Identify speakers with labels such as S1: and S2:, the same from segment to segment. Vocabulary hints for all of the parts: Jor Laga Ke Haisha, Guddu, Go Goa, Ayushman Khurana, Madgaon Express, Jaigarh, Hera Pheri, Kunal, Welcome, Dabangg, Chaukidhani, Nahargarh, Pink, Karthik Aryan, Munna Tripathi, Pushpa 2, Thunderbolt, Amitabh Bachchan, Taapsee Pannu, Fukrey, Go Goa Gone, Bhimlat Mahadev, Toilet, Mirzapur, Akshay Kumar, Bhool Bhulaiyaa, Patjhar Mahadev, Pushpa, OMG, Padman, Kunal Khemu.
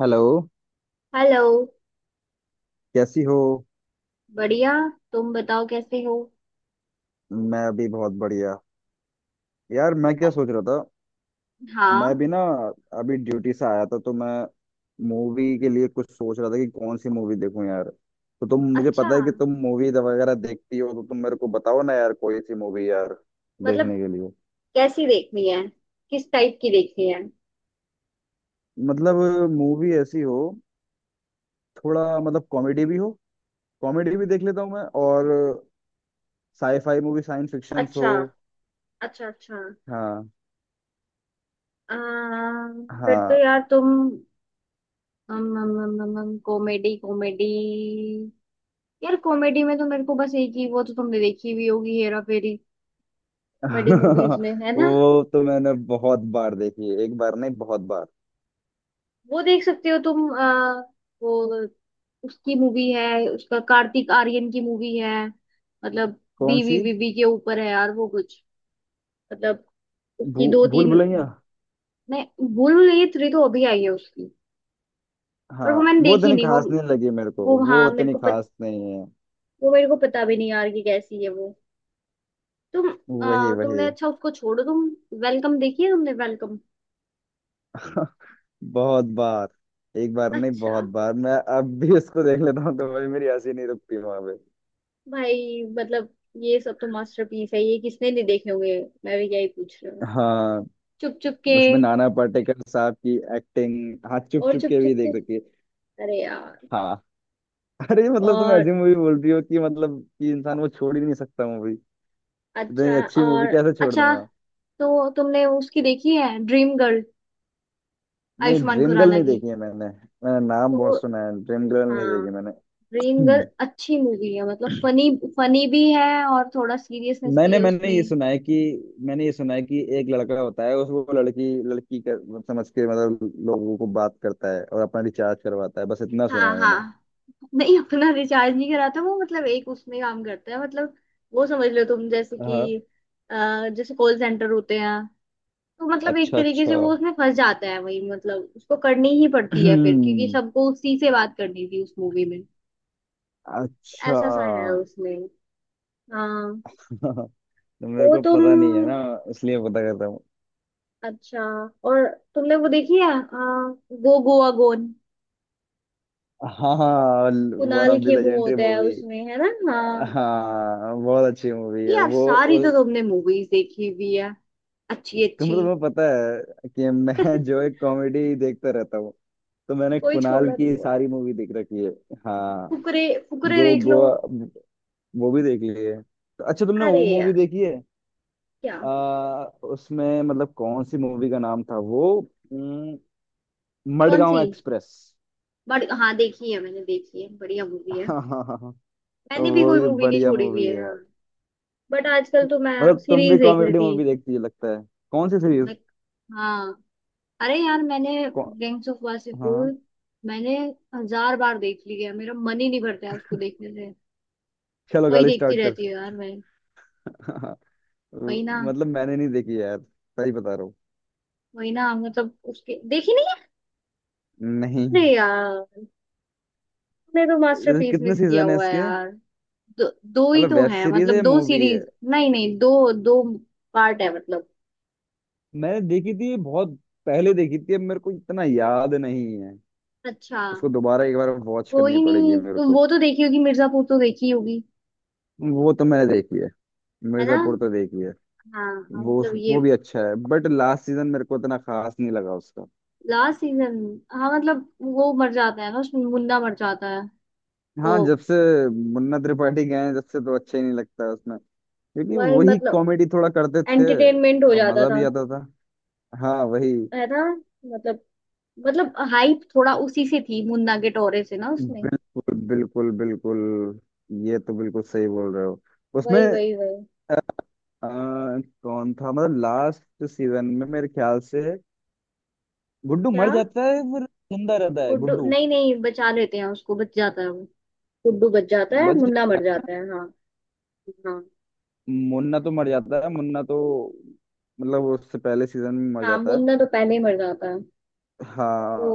S1: Hello.
S2: Hello.
S1: कैसी हो।
S2: बढ़िया। तुम बताओ कैसे हो।
S1: मैं अभी बहुत बढ़िया। यार मैं क्या सोच रहा था। मैं
S2: हाँ।
S1: भी ना, अभी ड्यूटी से आया था तो मैं मूवी के लिए कुछ सोच रहा था कि कौन सी मूवी देखूं यार। तो तुम, मुझे
S2: अच्छा।
S1: पता है कि तुम मूवी वगैरह देखती हो तो तुम मेरे को बताओ ना यार कोई सी मूवी यार
S2: मतलब
S1: देखने के लिए।
S2: कैसी देखनी है? किस टाइप की देखनी है?
S1: मतलब मूवी ऐसी हो, थोड़ा मतलब कॉमेडी भी हो, कॉमेडी भी देख लेता हूँ मैं, और साईफाई मूवी, साइंस फिक्शन हो।
S2: अच्छा, अच्छा, अच्छा।
S1: हाँ।
S2: फिर तो
S1: हाँ।
S2: यार तुम कॉमेडी कॉमेडी, यार कॉमेडी में तो मेरे को बस एक ही वो, तो तुमने देखी भी होगी, हेरा फेरी। कॉमेडी मूवीज में है ना।
S1: वो तो मैंने बहुत बार देखी है, एक बार नहीं बहुत बार।
S2: वो देख सकते हो तुम वो। उसकी मूवी है, उसका कार्तिक आर्यन की मूवी है। मतलब
S1: कौन
S2: बीवी
S1: सी।
S2: बीवी के ऊपर है यार वो कुछ। मतलब
S1: भू,
S2: उसकी दो
S1: भूल
S2: तीन।
S1: भुलैया।
S2: मैं भूल नहीं, थ्री तो अभी आई है उसकी, पर
S1: हाँ
S2: वो मैंने
S1: वो
S2: देखी
S1: इतनी
S2: नहीं वो।
S1: खास नहीं लगी मेरे को,
S2: वो
S1: वो
S2: हाँ मेरे
S1: इतनी
S2: को
S1: खास नहीं है।
S2: वो मेरे को पता भी नहीं यार कि कैसी है वो। तुम
S1: वही वही।
S2: तुमने, अच्छा उसको छोड़ो तुम। वेलकम देखी है तुमने? वेलकम।
S1: बहुत बार। एक बार नहीं
S2: अच्छा
S1: बहुत बार। मैं अब भी इसको देख लेता हूँ तो भाई मेरी हंसी नहीं रुकती वहां पे।
S2: भाई, मतलब ये सब तो मास्टरपीस है, ये किसने नहीं देखे होंगे। मैं भी क्या ही पूछ रही हूँ।
S1: हाँ,
S2: चुप चुप के।
S1: उसमें नाना पाटेकर साहब की एक्टिंग। हाँ, चुप
S2: और
S1: चुप
S2: चुप
S1: के भी
S2: चुप के,
S1: देख रखी है।
S2: अरे यार!
S1: हाँ। अरे मतलब तुम
S2: और
S1: ऐसी मूवी बोल रही हो कि मतलब कि इंसान वो छोड़ ही नहीं सकता मूवी। इतनी
S2: अच्छा,
S1: अच्छी मूवी
S2: और
S1: कैसे छोड़
S2: अच्छा
S1: दूंगा।
S2: तो तुमने उसकी देखी है ड्रीम गर्ल,
S1: नहीं,
S2: आयुष्मान
S1: ड्रीम गर्ल
S2: खुराना
S1: नहीं
S2: की?
S1: देखी है। मैंने मैंने नाम
S2: तो
S1: बहुत सुना है, ड्रीम गर्ल नहीं
S2: हाँ,
S1: देखी मैंने।
S2: ड्रीम गर्ल
S1: हम्म।
S2: अच्छी मूवी है, मतलब फनी। फनी भी है और थोड़ा सीरियसनेस भी
S1: मैंने
S2: है
S1: मैंने
S2: उसमें।
S1: ये सुना है कि मैंने ये सुना है कि एक लड़का होता है उसको लड़की लड़की कर, समझ के मतलब लोगों को बात करता है और अपना रिचार्ज करवाता है, बस इतना सुना
S2: हाँ,
S1: है मैंने।
S2: हाँ। नहीं, अपना रिचार्ज नहीं कराता वो, मतलब एक उसमें काम करता है, मतलब वो समझ लो तुम जैसे
S1: हाँ।
S2: कि जैसे कॉल सेंटर होते हैं। तो मतलब एक
S1: अच्छा
S2: तरीके
S1: अच्छा।
S2: से वो उसमें फंस जाता है, वही मतलब उसको करनी ही पड़ती है फिर, क्योंकि
S1: हम्म,
S2: सबको उसी से बात करनी थी उस मूवी में।
S1: अच्छा।
S2: ऐसा सा है उसमें। हाँ।
S1: तो मेरे
S2: वो
S1: को
S2: तुम,
S1: पता नहीं है ना, इसलिए पता करता हूँ।
S2: अच्छा, और तुमने वो देखी है गो गोवा गोन?
S1: हाँ। One
S2: Kunal
S1: of the
S2: Khemu
S1: legendary
S2: होता है
S1: मूवी।
S2: उसमें है ना? हाँ।
S1: हाँ बहुत अच्छी मूवी है
S2: यार
S1: वो।
S2: सारी तो तुमने मूवीज देखी हुई है, अच्छी
S1: तुम तो,
S2: अच्छी।
S1: तुम्हें पता है कि मैं जो एक कॉमेडी देखता रहता हूँ, तो मैंने
S2: कोई
S1: कुणाल
S2: छोड़ा नहीं
S1: की
S2: हुआ है।
S1: सारी मूवी देख रखी है। हाँ।
S2: फुकरे। फुकरे
S1: गो
S2: देख लो।
S1: गोवा वो भी देख ली है। तो अच्छा, तुमने
S2: अरे
S1: वो मूवी
S2: यार,
S1: देखी है?
S2: क्या?
S1: उसमें मतलब कौन सी मूवी का नाम था वो। उम,
S2: कौन
S1: मडगांव
S2: सी?
S1: एक्सप्रेस।
S2: बड़ी, हाँ देखी है मैंने, देखी है, बढ़िया मूवी है।
S1: हाँ हाँ हाँ हाँ,
S2: मैंने भी
S1: वो
S2: कोई
S1: भी
S2: मूवी नहीं
S1: बढ़िया
S2: छोड़ी हुई
S1: मूवी
S2: है
S1: है
S2: यार।
S1: यार।
S2: बट आजकल तो मैं
S1: मतलब तुम
S2: सीरीज
S1: भी
S2: देख रही
S1: कॉमेडी
S2: थी।
S1: मूवी देखती है लगता है। कौन सी सीरीज।
S2: मैं- हाँ, अरे यार मैंने
S1: कौन।
S2: गैंग्स ऑफ वासेपुर,
S1: हाँ,
S2: मैंने हजार बार देख ली है, मेरा मन ही नहीं भरता है उसको देखने से।
S1: चलो
S2: वही
S1: गाड़ी
S2: देखती
S1: स्टार्ट कर।
S2: रहती है यार मैं। वही ना।
S1: मतलब मैंने नहीं देखी यार, सही बता रहा हूँ।
S2: वही ना, मतलब उसके देखी नहीं है?
S1: नहीं।
S2: अरे यार, तुमने तो मास्टरपीस
S1: कितने
S2: मिस किया
S1: सीजन है
S2: हुआ है
S1: इसके।
S2: यार। दो, दो ही
S1: मतलब
S2: तो
S1: वेब
S2: है,
S1: सीरीज है
S2: मतलब
S1: या
S2: दो
S1: मूवी है?
S2: सीरीज नहीं नहीं, दो दो पार्ट है मतलब।
S1: मैंने देखी थी बहुत पहले देखी थी, अब मेरे को इतना याद नहीं है।
S2: अच्छा।
S1: इसको दोबारा एक बार वॉच करनी
S2: कोई
S1: पड़ेगी
S2: नहीं,
S1: मेरे
S2: तुम
S1: को।
S2: वो तो देखी होगी मिर्जापुर तो देखी होगी।
S1: वो तो मैंने देखी है,
S2: है ना?
S1: मिर्जापुर तो देखी है।
S2: हाँ, हाँ,
S1: वो
S2: मतलब ये
S1: वो भी अच्छा है बट लास्ट सीजन मेरे को इतना खास नहीं लगा उसका।
S2: Last season. हाँ मतलब, वो मर जाता है ना उसमें, मुन्ना मर जाता है
S1: हाँ,
S2: तो।
S1: जब से मुन्ना त्रिपाठी गए हैं जब से तो अच्छा ही नहीं लगता है उसमें, क्योंकि
S2: वही
S1: वही
S2: मतलब
S1: कॉमेडी थोड़ा करते थे
S2: एंटरटेनमेंट हो
S1: और
S2: जाता
S1: मजा
S2: था।
S1: भी आता था। हाँ वही।
S2: है ना? मतलब, मतलब हाइप थोड़ा उसी से थी, मुन्ना के टोरे से ना उसमें।
S1: बिल्कुल बिल्कुल बिल्कुल, ये तो बिल्कुल सही बोल रहे हो उसमें।
S2: वही वही वही।
S1: अ, अ, कौन था मतलब लास्ट सीजन में, मेरे ख्याल से गुड्डू
S2: क्या?
S1: मर जाता है। फिर जिंदा रहता है
S2: गुड्डू
S1: गुड्डू।
S2: नहीं नहीं, बचा लेते हैं उसको, बच जाता है वो। गुड्डू बच जाता है,
S1: बच।
S2: मुन्ना मर जाता है, हाँ। हाँ,
S1: मुन्ना तो मर जाता है, मुन्ना तो मतलब उससे पहले सीजन में मर
S2: हाँ।
S1: जाता है।
S2: मुन्ना तो पहले ही मर जाता है तो।
S1: हाँ।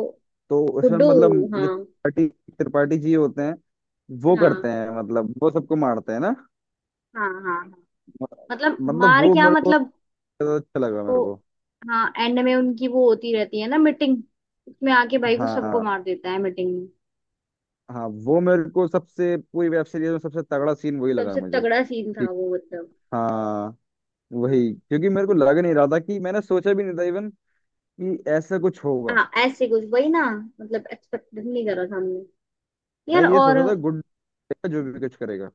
S1: तो उसमें
S2: गुड्डू,
S1: मतलब
S2: हाँ।
S1: जो त्रिपाठी, त्रिपाठी जी होते हैं, वो करते
S2: हाँ,
S1: हैं मतलब वो सबको मारते हैं ना।
S2: हाँ, हाँ, हाँ। मतलब,
S1: मतलब
S2: मार
S1: वो
S2: क्या
S1: मेरे को
S2: मतलब।
S1: ज्यादा अच्छा लगा
S2: वो,
S1: मेरे को।
S2: हाँ एंड में उनकी वो होती रहती है ना मीटिंग, उसमें आके भाई को सबको
S1: हाँ
S2: मार देता है मीटिंग।
S1: हाँ। वो मेरे को सबसे, पूरी वेब सीरीज में सबसे तगड़ा सीन वही लगा
S2: सबसे
S1: मुझे।
S2: तगड़ा सीन था
S1: कि
S2: वो मतलब।
S1: हाँ,
S2: हाँ,
S1: वही, क्योंकि मेरे को लग नहीं रहा था, कि मैंने सोचा भी नहीं था इवन कि ऐसा कुछ होगा।
S2: हाँ ऐसे कुछ, वही ना। मतलब एक्सपेक्ट नहीं करा था हमने।
S1: मैं
S2: यार,
S1: ये
S2: और
S1: सोचा
S2: हाँ,
S1: था गुड जो भी कुछ करेगा।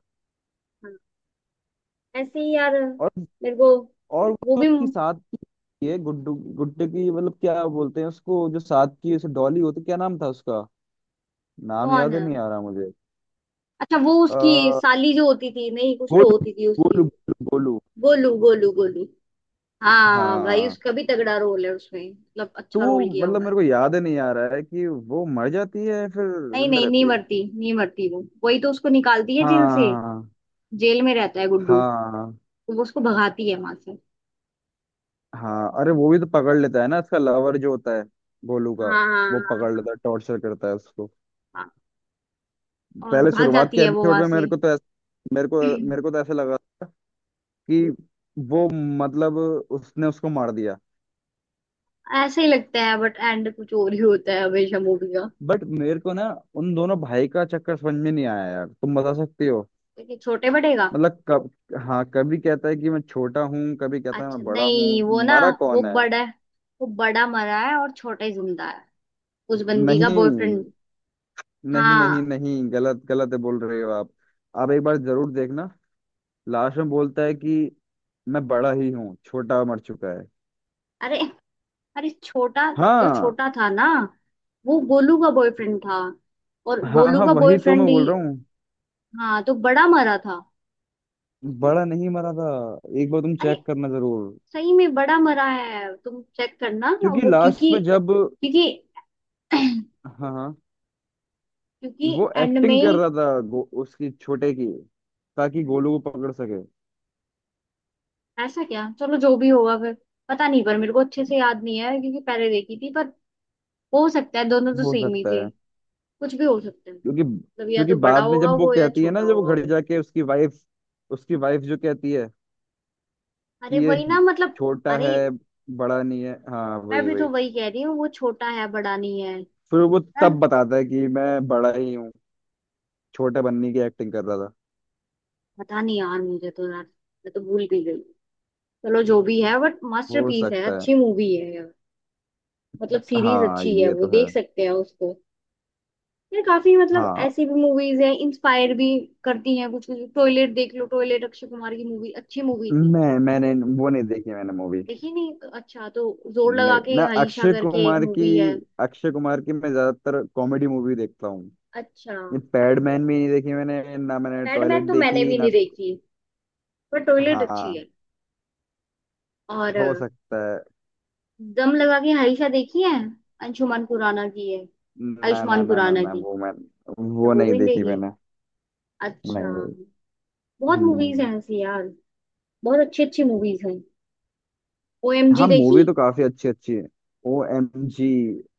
S2: ऐसे ही यार,
S1: और
S2: मेरे को।
S1: और, वो
S2: वो
S1: जो
S2: भी
S1: उसकी साथ की, ये गुड्डू गुड्डू की मतलब क्या बोलते हैं उसको, जो साथ की उसे डॉली होती, क्या नाम था उसका, नाम
S2: कौन
S1: याद
S2: है?
S1: नहीं आ रहा मुझे।
S2: अच्छा, वो उसकी
S1: अ,
S2: साली जो होती थी, नहीं कुछ तो
S1: गोलू।
S2: होती थी उसकी।
S1: गोलू गोलू। गोलू।
S2: गोलू, गोलू, गोलू। हाँ भाई,
S1: हाँ।
S2: उसका भी तगड़ा रोल है उसमें, मतलब
S1: टू
S2: अच्छा रोल किया
S1: मतलब
S2: हुआ है।
S1: मेरे को याद नहीं आ रहा है कि वो मर जाती है या फिर
S2: नहीं
S1: जिंदा
S2: नहीं नहीं,
S1: रहती है।
S2: मरती नहीं, मरती वो, वही तो उसको निकालती है जेल से।
S1: हाँ
S2: जेल में रहता है गुड्डू,
S1: हाँ।
S2: तो वो उसको भगाती है वहां से।
S1: हाँ, अरे वो भी तो पकड़ लेता है ना, इसका लवर जो होता है गोलू का।
S2: हाँ, हाँ,
S1: वो पकड़
S2: हाँ,
S1: लेता है, टॉर्चर करता है उसको।
S2: हाँ, हाँ। और
S1: पहले
S2: भाग
S1: शुरुआत के
S2: जाती है वो
S1: एपिसोड
S2: वहां
S1: में मेरे
S2: से।
S1: को तो ऐसा, मेरे को मेरे को तो ऐसा लगा कि वो मतलब उसने उसको मार दिया।
S2: ऐसे ही लगता है, बट एंड कुछ और ही होता है हमेशा मूवी का।
S1: बट मेरे को ना उन दोनों भाई का चक्कर समझ में नहीं आया यार, तुम बता सकती हो।
S2: देखिए छोटे बड़े का।
S1: मतलब कब, हाँ कभी कहता है कि मैं छोटा हूँ, कभी कहता है
S2: अच्छा,
S1: मैं बड़ा
S2: नहीं
S1: हूँ,
S2: वो ना,
S1: मारा
S2: वो
S1: कौन है।
S2: बड़ा है, वो बड़ा मरा है और छोटा ही जिंदा है। उस बंदी का बॉयफ्रेंड।
S1: नहीं नहीं नहीं,
S2: हाँ।
S1: नहीं गलत, गलत है बोल रहे हो आप। आप एक बार जरूर देखना, लास्ट में बोलता है कि मैं बड़ा ही हूँ, छोटा मर चुका है।
S2: अरे, अरे छोटा, जो
S1: हाँ।
S2: छोटा था ना, वो गोलू का बॉयफ्रेंड था, और
S1: हाँ
S2: गोलू
S1: हाँ
S2: का
S1: वही तो मैं
S2: बॉयफ्रेंड ही।
S1: बोल रहा हूँ।
S2: हाँ, तो बड़ा मरा था।
S1: बड़ा नहीं मरा था, एक बार तुम
S2: अरे,
S1: चेक करना जरूर।
S2: सही में बड़ा मरा है, तुम चेक करना।
S1: क्योंकि
S2: वो
S1: लास्ट
S2: क्योंकि,
S1: में जब,
S2: क्योंकि,
S1: हाँ हाँ,
S2: क्योंकि
S1: वो
S2: एंड
S1: एक्टिंग कर
S2: में।
S1: रहा था उसकी छोटे की, ताकि गोलू को पकड़ सके।
S2: ऐसा क्या, चलो जो भी होगा फिर। पता नहीं, पर मेरे को अच्छे से याद नहीं है क्योंकि पहले देखी थी, पर हो सकता है दोनों तो
S1: हो
S2: सेम ही
S1: सकता
S2: थे।
S1: है।
S2: कुछ भी हो सकता है।
S1: क्योंकि,
S2: मतलब या
S1: क्योंकि
S2: तो बड़ा
S1: बाद में
S2: होगा
S1: जब वो
S2: वो या
S1: कहती है ना,
S2: छोटा
S1: जब वो
S2: होगा
S1: घर
S2: वो।
S1: जाके उसकी वाइफ, उसकी वाइफ जो कहती है
S2: अरे
S1: ये
S2: वही ना, मतलब
S1: छोटा
S2: अरे
S1: है, बड़ा नहीं है। हाँ
S2: मैं
S1: वही
S2: भी तो
S1: वही,
S2: वही कह रही हूँ, वो छोटा है बड़ा नहीं है।
S1: फिर वो
S2: यार
S1: तब बताता है कि मैं बड़ा ही हूँ, छोटा बनने की एक्टिंग कर रहा था।
S2: पता नहीं यार, मुझे तो, यार मैं तो भूल भी गई। चलो जो भी है, बट
S1: हो
S2: मास्टरपीस है,
S1: सकता है।
S2: अच्छी मूवी है यार। मतलब सीरीज
S1: हाँ
S2: अच्छी है,
S1: ये
S2: वो
S1: तो है।
S2: देख सकते हैं उसको। यार काफी, मतलब
S1: हाँ।
S2: ऐसी भी मूवीज हैं इंस्पायर भी करती हैं कुछ कुछ। टॉयलेट देख लो, टॉयलेट, अक्षय कुमार की मूवी, अच्छी मूवी थी।
S1: मैंने वो नहीं देखी मैंने मूवी।
S2: देखी नहीं, अच्छा। तो जोर
S1: नहीं
S2: लगा के
S1: मैं
S2: हाइशा
S1: अक्षय
S2: करके एक
S1: कुमार की,
S2: मूवी है।
S1: अक्षय कुमार की मैं ज्यादातर कॉमेडी मूवी देखता हूँ।
S2: अच्छा।
S1: ये पैडमैन भी नहीं देखी मैंने ना, मैंने टॉयलेट
S2: पैडमैन तो मैंने
S1: देखी
S2: भी
S1: ना।
S2: नहीं देखी, पर टॉयलेट अच्छी
S1: हाँ।
S2: है। और
S1: हो सकता है।
S2: दम लगा के हाइशा देखी है, अंशुमान खुराना की है,
S1: ना ना
S2: आयुष्मान
S1: ना ना
S2: खुराना
S1: ना,
S2: की।
S1: वो मैं,
S2: तो
S1: वो
S2: वो
S1: नहीं
S2: भी नहीं
S1: देखी
S2: देखी।
S1: मैंने।
S2: अच्छा।
S1: नहीं।
S2: बहुत मूवीज
S1: भाई।
S2: हैं ऐसी यार, बहुत अच्छी अच्छी मूवीज हैं। ओएमजी
S1: हाँ
S2: देखी?
S1: मूवी तो काफी अच्छी अच्छी है। ओ एम जी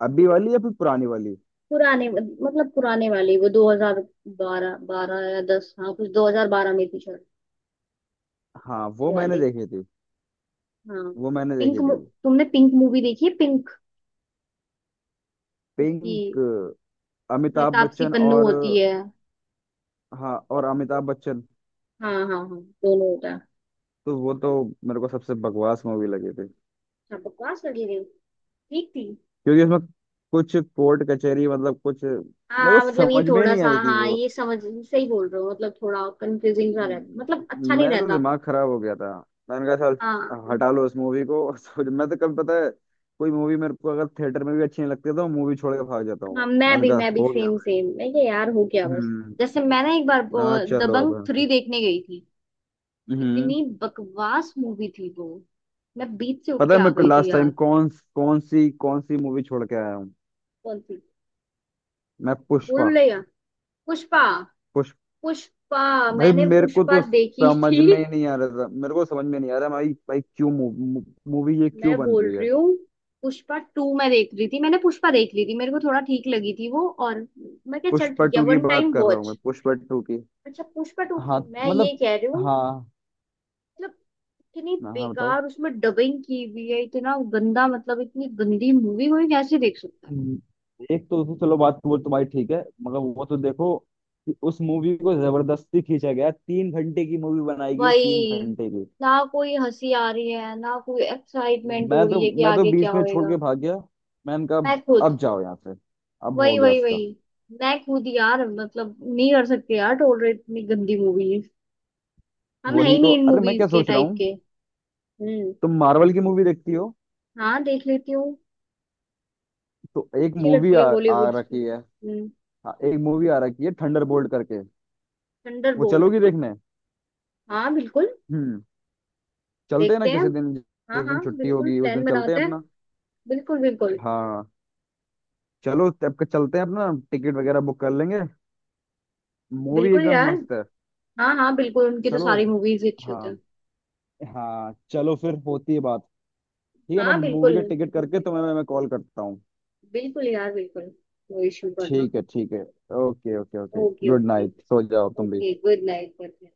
S1: अभी वाली या फिर पुरानी वाली?
S2: पुराने, मतलब पुराने वाले, वो 2012, 12 या 10, हाँ कुछ 2012 में थी शायद।
S1: हाँ वो
S2: वो
S1: मैंने
S2: वाले,
S1: देखी थी।
S2: हाँ।
S1: वो मैंने
S2: पिंक
S1: देखी
S2: मु-
S1: थी।
S2: तुमने पिंक मूवी देखी है? पिंक, उसकी,
S1: पिंक,
S2: उसमें
S1: अमिताभ
S2: तापसी
S1: बच्चन
S2: पन्नू
S1: और,
S2: होती है।
S1: हाँ और अमिताभ बच्चन।
S2: हाँ, हाँ, हाँ, दोनों होता है।
S1: तो वो तो मेरे को सबसे बकवास मूवी लगी थी।
S2: अच्छा, बकवास लगी रही, ठीक थी।
S1: क्योंकि उसमें कुछ कोर्ट कचहरी मतलब, कुछ मेरे को
S2: हाँ मतलब ये
S1: समझ में
S2: थोड़ा
S1: नहीं
S2: सा,
S1: आई थी
S2: हाँ
S1: वो।
S2: ये समझ सही बोल रहे हो, मतलब थोड़ा कंफ्यूजिंग सा रहता, मतलब अच्छा नहीं
S1: मैं तो
S2: रहता।
S1: दिमाग खराब हो गया था। मैंने कहा साल
S2: हाँ,
S1: हटा लो इस मूवी को। तो मैं तो, कभी पता है कोई मूवी मेरे को अगर थिएटर में भी अच्छी नहीं लगती है, तो मूवी छोड़ के भाग जाता हूँ
S2: हाँ।
S1: मैं।
S2: मैं
S1: मैंने
S2: भी
S1: कहा
S2: मैं भी
S1: हो गया।
S2: सेम सेम, मैं क्या यार, हो गया बस।
S1: हम्म।
S2: जैसे मैं ना एक बार वो
S1: मैंने कहा चलो अब
S2: दबंग
S1: यहाँ से।
S2: थ्री देखने गई थी।
S1: हम्म।
S2: इतनी बकवास मूवी थी वो, मैं बीच से उठ
S1: पता
S2: के
S1: है
S2: आ
S1: मैं
S2: गई थी
S1: लास्ट टाइम
S2: यार।
S1: कौन, कौन सी मूवी छोड़ के आया हूँ।
S2: कौन सी?
S1: मैं
S2: भूल
S1: पुष्पा,
S2: भुलैया, पुष्पा,
S1: पुष्प,
S2: पुष्पा।
S1: भाई
S2: मैंने
S1: मेरे को
S2: पुष्पा
S1: तो
S2: देखी
S1: समझ
S2: थी।
S1: में ही नहीं आ रहा था, मेरे को समझ में नहीं आ रहा भाई, भाई क्यों मूवी ये क्यों
S2: मैं
S1: बन
S2: बोल
S1: रही
S2: रही
S1: है।
S2: हूँ, पुष्पा टू मैं देख रही थी, मैंने पुष्पा देख ली थी, मेरे को थोड़ा ठीक लगी थी वो, और मैं क्या, चल
S1: पुष्पा
S2: ठीक है,
S1: टू की
S2: वन
S1: बात
S2: टाइम
S1: कर रहा हूँ
S2: वॉच।
S1: मैं, पुष्पा टू की।
S2: अच्छा, पुष्पा टू
S1: हाँ
S2: की मैं ये
S1: मतलब
S2: कह रही हूँ।
S1: हाँ।
S2: मतलब इतनी
S1: हाँ हाँ, बताओ।
S2: बेकार उसमें डबिंग की हुई है, इतना गंदा, मतलब इतनी गंदी मूवी कोई कैसे देख सकता है?
S1: एक तो चलो बात वो तुम्हारी ठीक है, मगर वो तो देखो कि उस मूवी को जबरदस्ती खींचा गया, तीन घंटे की मूवी बनाई गई है, तीन
S2: वही
S1: घंटे की।
S2: ना, कोई हंसी आ रही है, ना कोई एक्साइटमेंट
S1: मैं
S2: हो
S1: तो
S2: रही है कि
S1: मैं तो
S2: आगे क्या
S1: बीच में छोड़
S2: होएगा।
S1: के भाग गया। मैंने
S2: मैं
S1: कहा
S2: खुद।
S1: अब जाओ यहाँ से, अब हो
S2: वही
S1: गया
S2: वही
S1: इसका।
S2: वही। मैं खुद यार, मतलब नहीं कर सकते यार टोलरेट इतनी गंदी मूवीज। हम है ही
S1: वही तो,
S2: नहीं इन
S1: अरे मैं
S2: मूवीज
S1: क्या
S2: के
S1: सोच रहा
S2: टाइप
S1: हूँ,
S2: के। हम्म।
S1: तुम मार्वल की मूवी देखती हो?
S2: हाँ, देख लेती हूँ।
S1: तो एक
S2: अच्छी
S1: मूवी
S2: लगती है
S1: आ
S2: हॉलीवुड की।
S1: रखी है।
S2: हम्म।
S1: हाँ, एक मूवी आ रखी है थंडरबोल्ट करके। वो
S2: थंडरबोल्ट?
S1: चलोगी देखने?
S2: हाँ, बिल्कुल।
S1: हम्म। चलते हैं ना
S2: देखते हैं।
S1: किसी दिन,
S2: हाँ,
S1: जिस
S2: हाँ
S1: दिन छुट्टी
S2: बिल्कुल,
S1: होगी उस
S2: प्लान
S1: दिन चलते हैं
S2: बनाते हैं।
S1: अपना।
S2: बिल्कुल, बिल्कुल।
S1: हाँ, चलो तब के चलते हैं, अपना टिकट वगैरह बुक कर लेंगे। मूवी
S2: बिल्कुल
S1: एकदम
S2: यार।
S1: मस्त है।
S2: हाँ, हाँ बिल्कुल, उनकी तो
S1: चलो।
S2: सारी मूवीज अच्छी
S1: हाँ
S2: होती हैं।
S1: हाँ, चलो फिर होती है बात। ठीक है, मैं
S2: हाँ, बिल्कुल।
S1: मूवी का टिकट
S2: ठीक
S1: करके
S2: है।
S1: तुम्हें मैं कॉल करता हूँ।
S2: बिल्कुल यार, बिल्कुल। नो इश्यू करना।
S1: ठीक है ठीक है। Okay okay okay,
S2: okay,
S1: good
S2: okay.
S1: Night, सो जाओ तुम भी।
S2: Okay, good night good.